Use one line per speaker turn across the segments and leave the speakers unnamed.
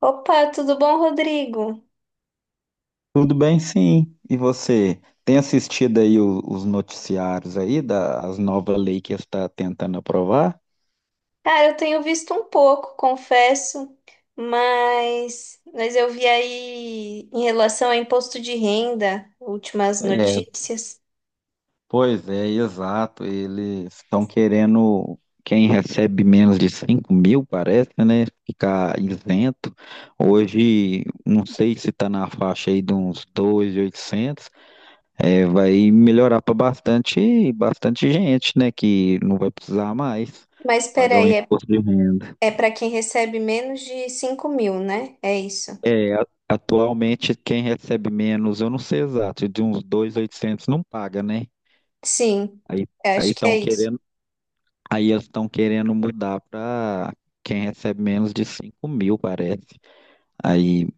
Opa, tudo bom, Rodrigo?
Tudo bem, sim. E você tem assistido aí os noticiários aí das novas leis que está tentando aprovar?
Cara, eu tenho visto um pouco, confesso, mas, eu vi aí em relação a imposto de renda, últimas
É,
notícias.
pois é, exato. Eles estão querendo quem recebe menos de 5 mil, parece, né? Ficar isento. Hoje, não sei se está na faixa aí de uns 2.800. É, vai melhorar para bastante gente, né? Que não vai precisar mais
Mas
pagar o
peraí,
imposto de renda.
é para quem recebe menos de 5 mil, né? É isso.
Atualmente, quem recebe menos, eu não sei exato, de uns 2.800 não paga, né?
Sim,
Aí
eu
aí
acho que é
estão
isso.
querendo, aí eles estão querendo mudar para quem recebe menos de 5 mil, parece. Aí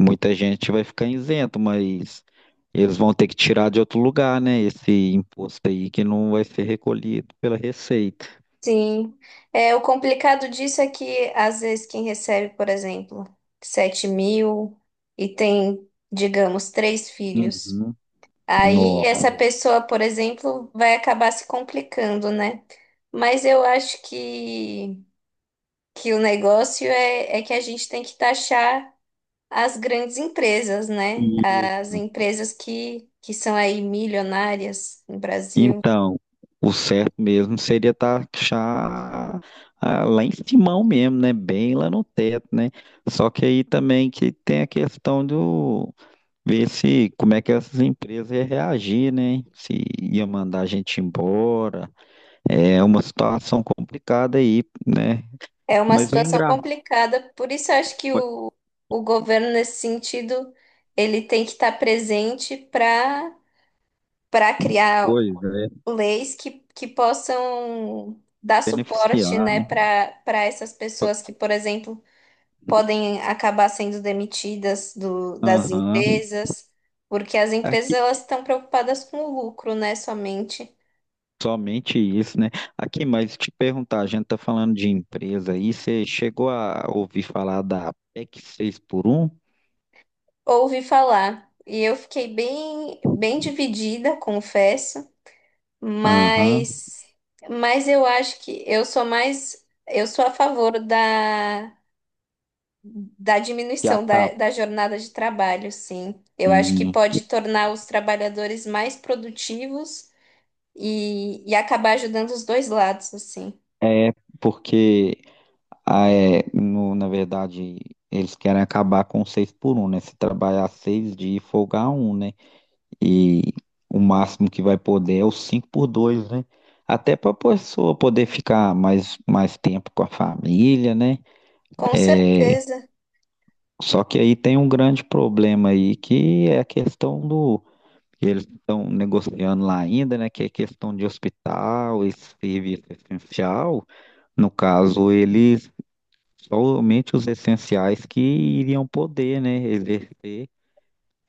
muita gente vai ficar isento, mas eles vão ter que tirar de outro lugar, né? Esse imposto aí que não vai ser recolhido pela Receita.
Sim. É, o complicado disso é que às vezes quem recebe, por exemplo, 7 mil e tem, digamos, três filhos.
Uhum.
Aí
No.
essa pessoa, por exemplo, vai acabar se complicando, né? Mas eu acho que o negócio é que a gente tem que taxar as grandes empresas, né? As empresas que são aí milionárias no Brasil.
Então, o certo mesmo seria taxar lá em cima mesmo, né? Bem lá no teto, né? Só que aí também que tem a questão do ver se como é que essas empresas iam reagir, né? Se ia mandar a gente embora. É uma situação complicada aí, né?
É uma
Mas o
situação
engraçado,
complicada, por isso eu acho que o governo, nesse sentido, ele tem que estar presente para criar
pois é,
leis que possam dar suporte,
beneficiar,
né,
né?
para essas pessoas que, por exemplo, podem acabar sendo demitidas das
Aham.
empresas, porque as empresas elas estão preocupadas com o lucro, né, somente.
Somente isso, né? Aqui, mas te perguntar, a gente tá falando de empresa aí, você chegou a ouvir falar da PEC seis por um?
Ouvi falar e eu fiquei bem dividida, confesso,
Aham,
mas eu acho que eu sou mais eu sou a favor da
que
diminuição
acaba.
da jornada de trabalho, sim. Eu acho que
em-
pode tornar os trabalhadores mais produtivos e acabar ajudando os dois lados, assim.
É, porque, na verdade, eles querem acabar com o seis por um, né? Se trabalhar seis dias e folgar um, né? E o máximo que vai poder é o cinco por dois, né? Até para a pessoa poder ficar mais tempo com a família, né?
Com certeza.
Só que aí tem um grande problema aí, que é a questão do que eles estão negociando lá ainda, né? Que é questão de hospital e serviço essencial. No caso, eles somente os essenciais que iriam poder, né, exercer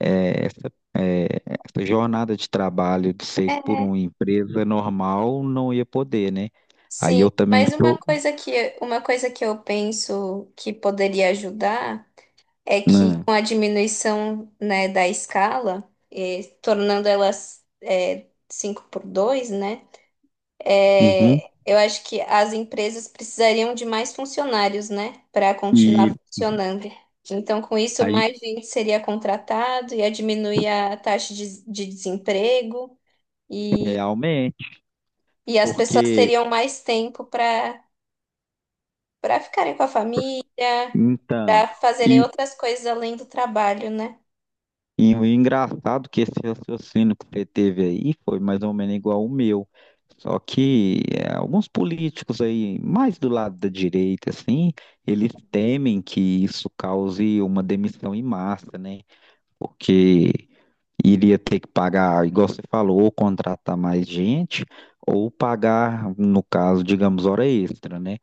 eh, essa, eh, essa jornada de trabalho de seis por
É,
um em empresa normal não ia poder, né? Aí
sim.
eu também
Mas uma
sou.
uma coisa que eu penso que poderia ajudar é que
Né?
com a diminuição, né, da escala, tornando elas, 5 por 2, né?
Uhum.
É, eu acho que as empresas precisariam de mais funcionários, né, para continuar
E
funcionando. Então, com isso,
aí,
mais gente seria contratado, ia diminuir a taxa de desemprego e,
realmente,
as pessoas
porque
teriam mais tempo para ficarem com a família,
então.
para fazerem
E
outras coisas além do trabalho, né?
E o engraçado que esse raciocínio que você teve aí foi mais ou menos igual o meu. Só que é, alguns políticos aí, mais do lado da direita, assim, eles temem que isso cause uma demissão em massa, né? Porque iria ter que pagar, igual você falou, ou contratar mais gente, ou pagar, no caso, digamos, hora extra, né?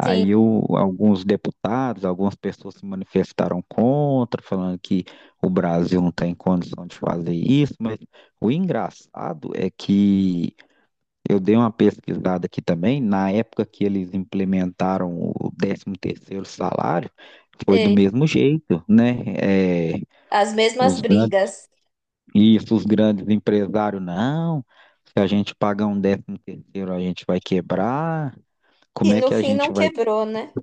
Sim,
o- alguns deputados, algumas pessoas se manifestaram contra, falando que o Brasil não tem condição de fazer isso, mas o engraçado é que eu dei uma pesquisada aqui também, na época que eles implementaram o décimo terceiro salário, foi do
sei.
mesmo jeito, né? É,
As mesmas
os grandes,
brigas.
isso, os grandes empresários, não, se a gente pagar um décimo terceiro, a gente vai quebrar,
E
como é
no
que a
fim não
gente vai
quebrou, né?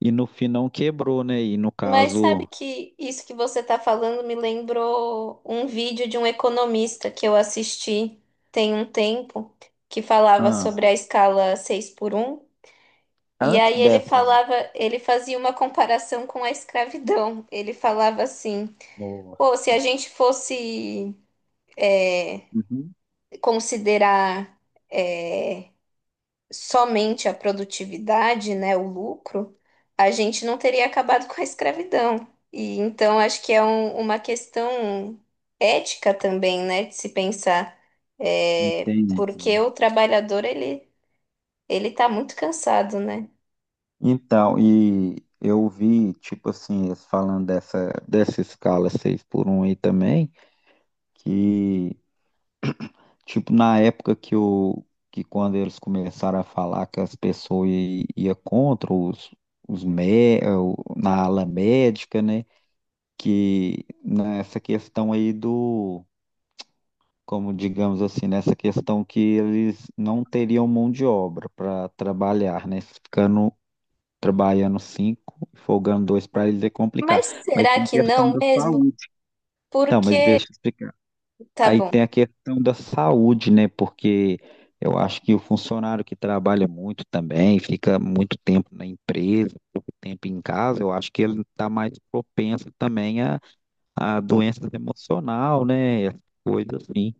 E no fim não quebrou, né? E no
Mas sabe
caso.
que isso que você está falando me lembrou um vídeo de um economista que eu assisti tem um tempo, que falava
Ah,
sobre a escala 6 por um e
antes
aí ele
dessa
falava, ele fazia uma comparação com a escravidão. Ele falava assim:
nova.
pô, se a gente fosse
Uhum.
considerar eh, somente a produtividade, né, o lucro, a gente não teria acabado com a escravidão. E então acho que é uma questão ética também, né, de se pensar, é,
Entendi.
porque o trabalhador ele está muito cansado, né?
Então, e eu vi, tipo assim, eles falando dessa escala 6 por um aí também, que, tipo, na época que o que quando eles começaram a falar que as pessoas ia contra os mé, na ala médica, né? Que nessa questão aí do como digamos assim, nessa questão que eles não teriam mão de obra para trabalhar, né? Ficando trabalhando cinco, folgando dois para eles é complicado.
Mas
Mas
será
tem a
que
questão
não
da
mesmo?
saúde. Então, mas
Porque
deixa eu explicar.
tá
Aí
bom.
tem a questão da saúde, né? Porque eu acho que o funcionário que trabalha muito também, fica muito tempo na empresa, pouco tempo em casa, eu acho que ele está mais propenso também a doenças emocional, né? Coisas assim.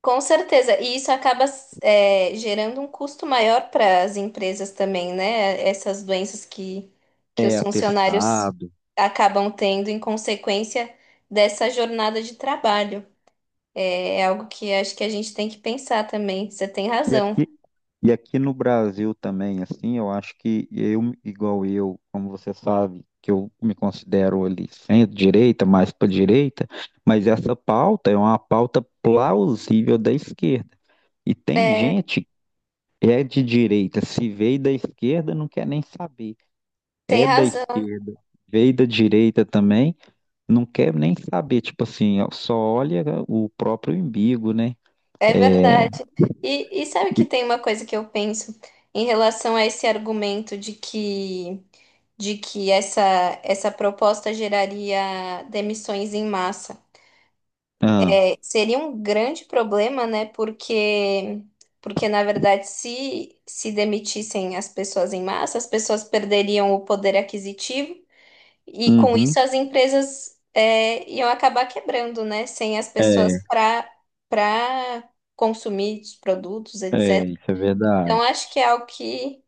Com certeza, e isso acaba é, gerando um custo maior para as empresas também, né? Essas doenças que
É,
os funcionários
atestado
acabam tendo em consequência dessa jornada de trabalho. É, é algo que acho que a gente tem que pensar também. Você tem
E
razão.
aqui, e aqui no Brasil também, assim, eu acho que eu, igual eu, como você sabe, que eu me considero ali centro-direita, mais para direita, mas essa pauta é uma pauta plausível da esquerda. E tem
É,
gente que é de direita, se veio da esquerda, não quer nem saber.
tem
É da
razão.
esquerda, veio da direita também, não quer nem saber. Tipo assim, ó, só olha o próprio umbigo, né?
É
É.
verdade. E sabe que tem uma coisa que eu penso em relação a esse argumento de que essa proposta geraria demissões em massa.
Ah,
É, seria um grande problema, né? Porque na verdade, se demitissem as pessoas em massa, as pessoas perderiam o poder aquisitivo. E com
uhum.
isso as empresas é, iam acabar quebrando, né? Sem as
É.
pessoas para para consumir os produtos,
É,
etc.
isso é
Então
verdade.
acho que é algo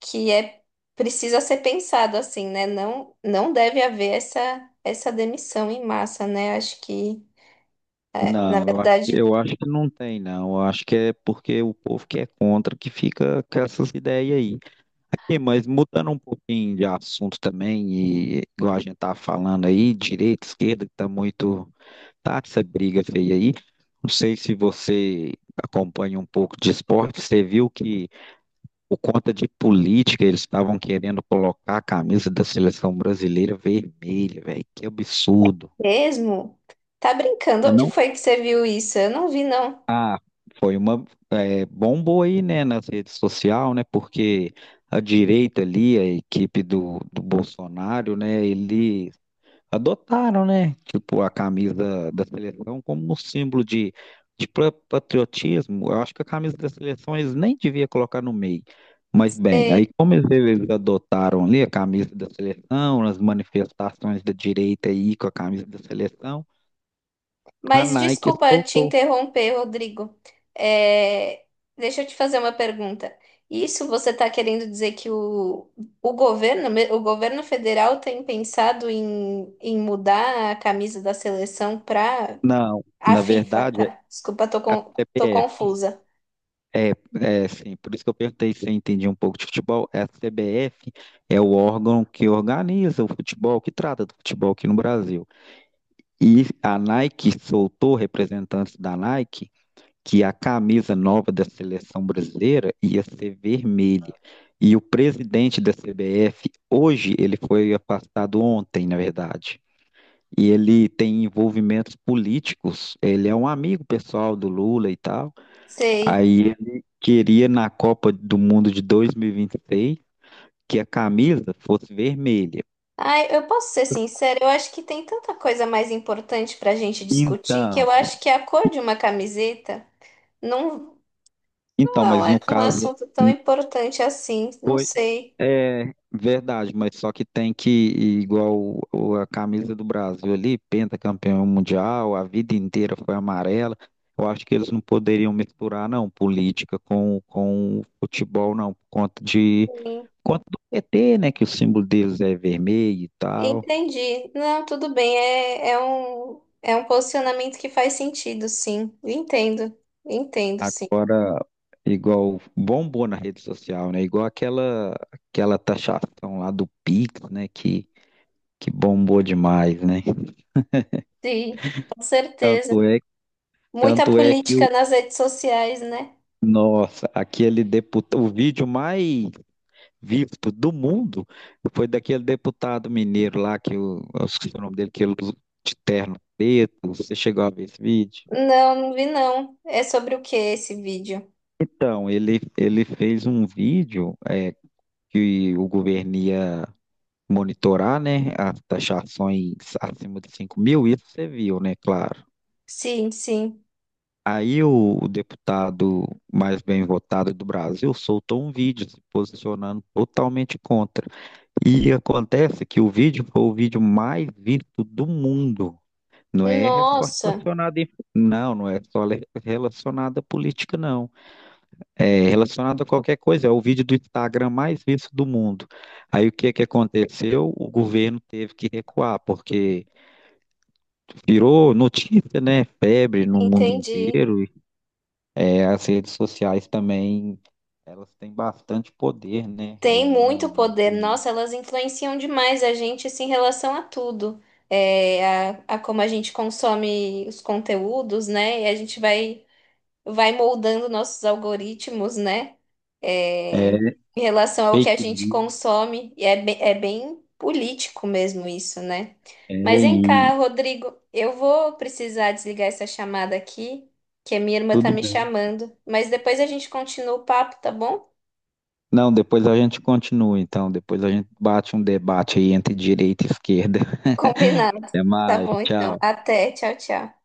que é precisa ser pensado assim, né? Não, não deve haver essa demissão em massa, né? Acho que, é, na
Não,
verdade,
eu acho que não tem, não. Eu acho que é porque o povo que é contra que fica com essas ideias aí. Aqui, mas mudando um pouquinho de assunto também, e igual a gente tá falando aí, direita, esquerda, que tá muito. Tá essa briga feia aí. Não sei se você acompanha um pouco de esporte, você viu que por conta de política eles estavam querendo colocar a camisa da seleção brasileira vermelha, velho. Que absurdo.
mesmo. Tá brincando?
Você
Onde
não.
foi que você viu isso? Eu não vi, não.
Foi uma bombou aí, né, nas redes sociais, né, porque a direita ali, a equipe do Bolsonaro, né, eles adotaram, né, tipo, a camisa da seleção como um símbolo de, patriotismo. Eu acho que a camisa da seleção eles nem deviam colocar no meio. Mas bem, aí
Sei.
como eles adotaram ali a camisa da seleção, nas manifestações da direita aí com a camisa da seleção, a
Mas
Nike
desculpa te
soltou.
interromper, Rodrigo. É, deixa eu te fazer uma pergunta. Isso você está querendo dizer que o governo, o governo federal tem pensado em mudar a camisa da seleção para
Não,
a
na
FIFA,
verdade,
tá?
é
Desculpa, tô, tô
CPF.
confusa.
É, é, sim, por isso que eu perguntei se eu entendi um pouco de futebol. É A CBF é o órgão que organiza o futebol, que trata do futebol aqui no Brasil. E a Nike soltou representantes da Nike que a camisa nova da seleção brasileira ia ser vermelha. E o presidente da CBF, hoje, ele foi afastado ontem, na verdade. E ele tem envolvimentos políticos, ele é um amigo pessoal do Lula e tal.
Sei.
Aí ele queria na Copa do Mundo de 2026 que a camisa fosse vermelha.
Ai, eu posso ser sincera, eu acho que tem tanta coisa mais importante para a gente discutir que eu
Então,
acho que a cor de uma camiseta. Não,
então,
não
mas
é
no
um
caso
assunto tão
n-
importante assim, não
foi
sei.
é verdade, mas só que tem que a camisa do Brasil ali, pentacampeão mundial, a vida inteira foi amarela. Eu acho que eles não poderiam misturar não política com futebol não, por conta de
Sim,
por conta do PT, né, que o símbolo deles é vermelho e tal.
entendi. Não, tudo bem, é é um posicionamento que faz sentido, sim. Entendo, entendo, sim.
Agora, igual bombou na rede social, né? Igual aquela taxação lá do Pix, né? Que bombou demais, né?
Sim, com certeza.
Tanto é,
Muita
tanto é que
política
o
nas redes sociais, né?
nossa, aquele deputado, o vídeo mais visto do mundo foi daquele deputado mineiro lá que o, eu esqueci o nome dele, que ele de terno preto. Você chegou a ver esse vídeo?
Não, não vi não. É sobre o que esse vídeo?
Então, ele fez um vídeo que o governo ia monitorar, né, as taxações acima de 5 mil, isso você viu, né, claro.
Sim, sim.
Aí o deputado mais bem votado do Brasil soltou um vídeo se posicionando totalmente contra. E acontece que o vídeo foi o vídeo mais visto do mundo. Não é só
Nossa,
relacionado em... Não, não é só relacionado à política, não. É relacionado a qualquer coisa. É o vídeo do Instagram mais visto do mundo. Aí o que é que aconteceu? O governo teve que recuar, porque virou notícia, né? Febre no mundo
entendi.
inteiro. E, é, as redes sociais também, elas têm bastante poder, né?
Tem
Aí
muito
na
poder.
política.
Nossa, elas influenciam demais a gente assim, em relação a tudo. É, a como a gente consome os conteúdos, né? E a gente vai moldando nossos algoritmos, né?
É,
Em relação ao que a
fake
gente
news,
consome. E é, é bem político mesmo isso, né?
é,
Mas vem cá,
e
Rodrigo, eu vou precisar desligar essa chamada aqui, que a minha irmã tá
tudo
me
bem.
chamando. Mas depois a gente continua o papo, tá bom?
Não, depois a gente continua, então. Depois a gente bate um debate aí entre direita e esquerda.
Combinado. Tá.
Até
Tá
mais,
bom, então.
tchau.
Até. Tchau, tchau.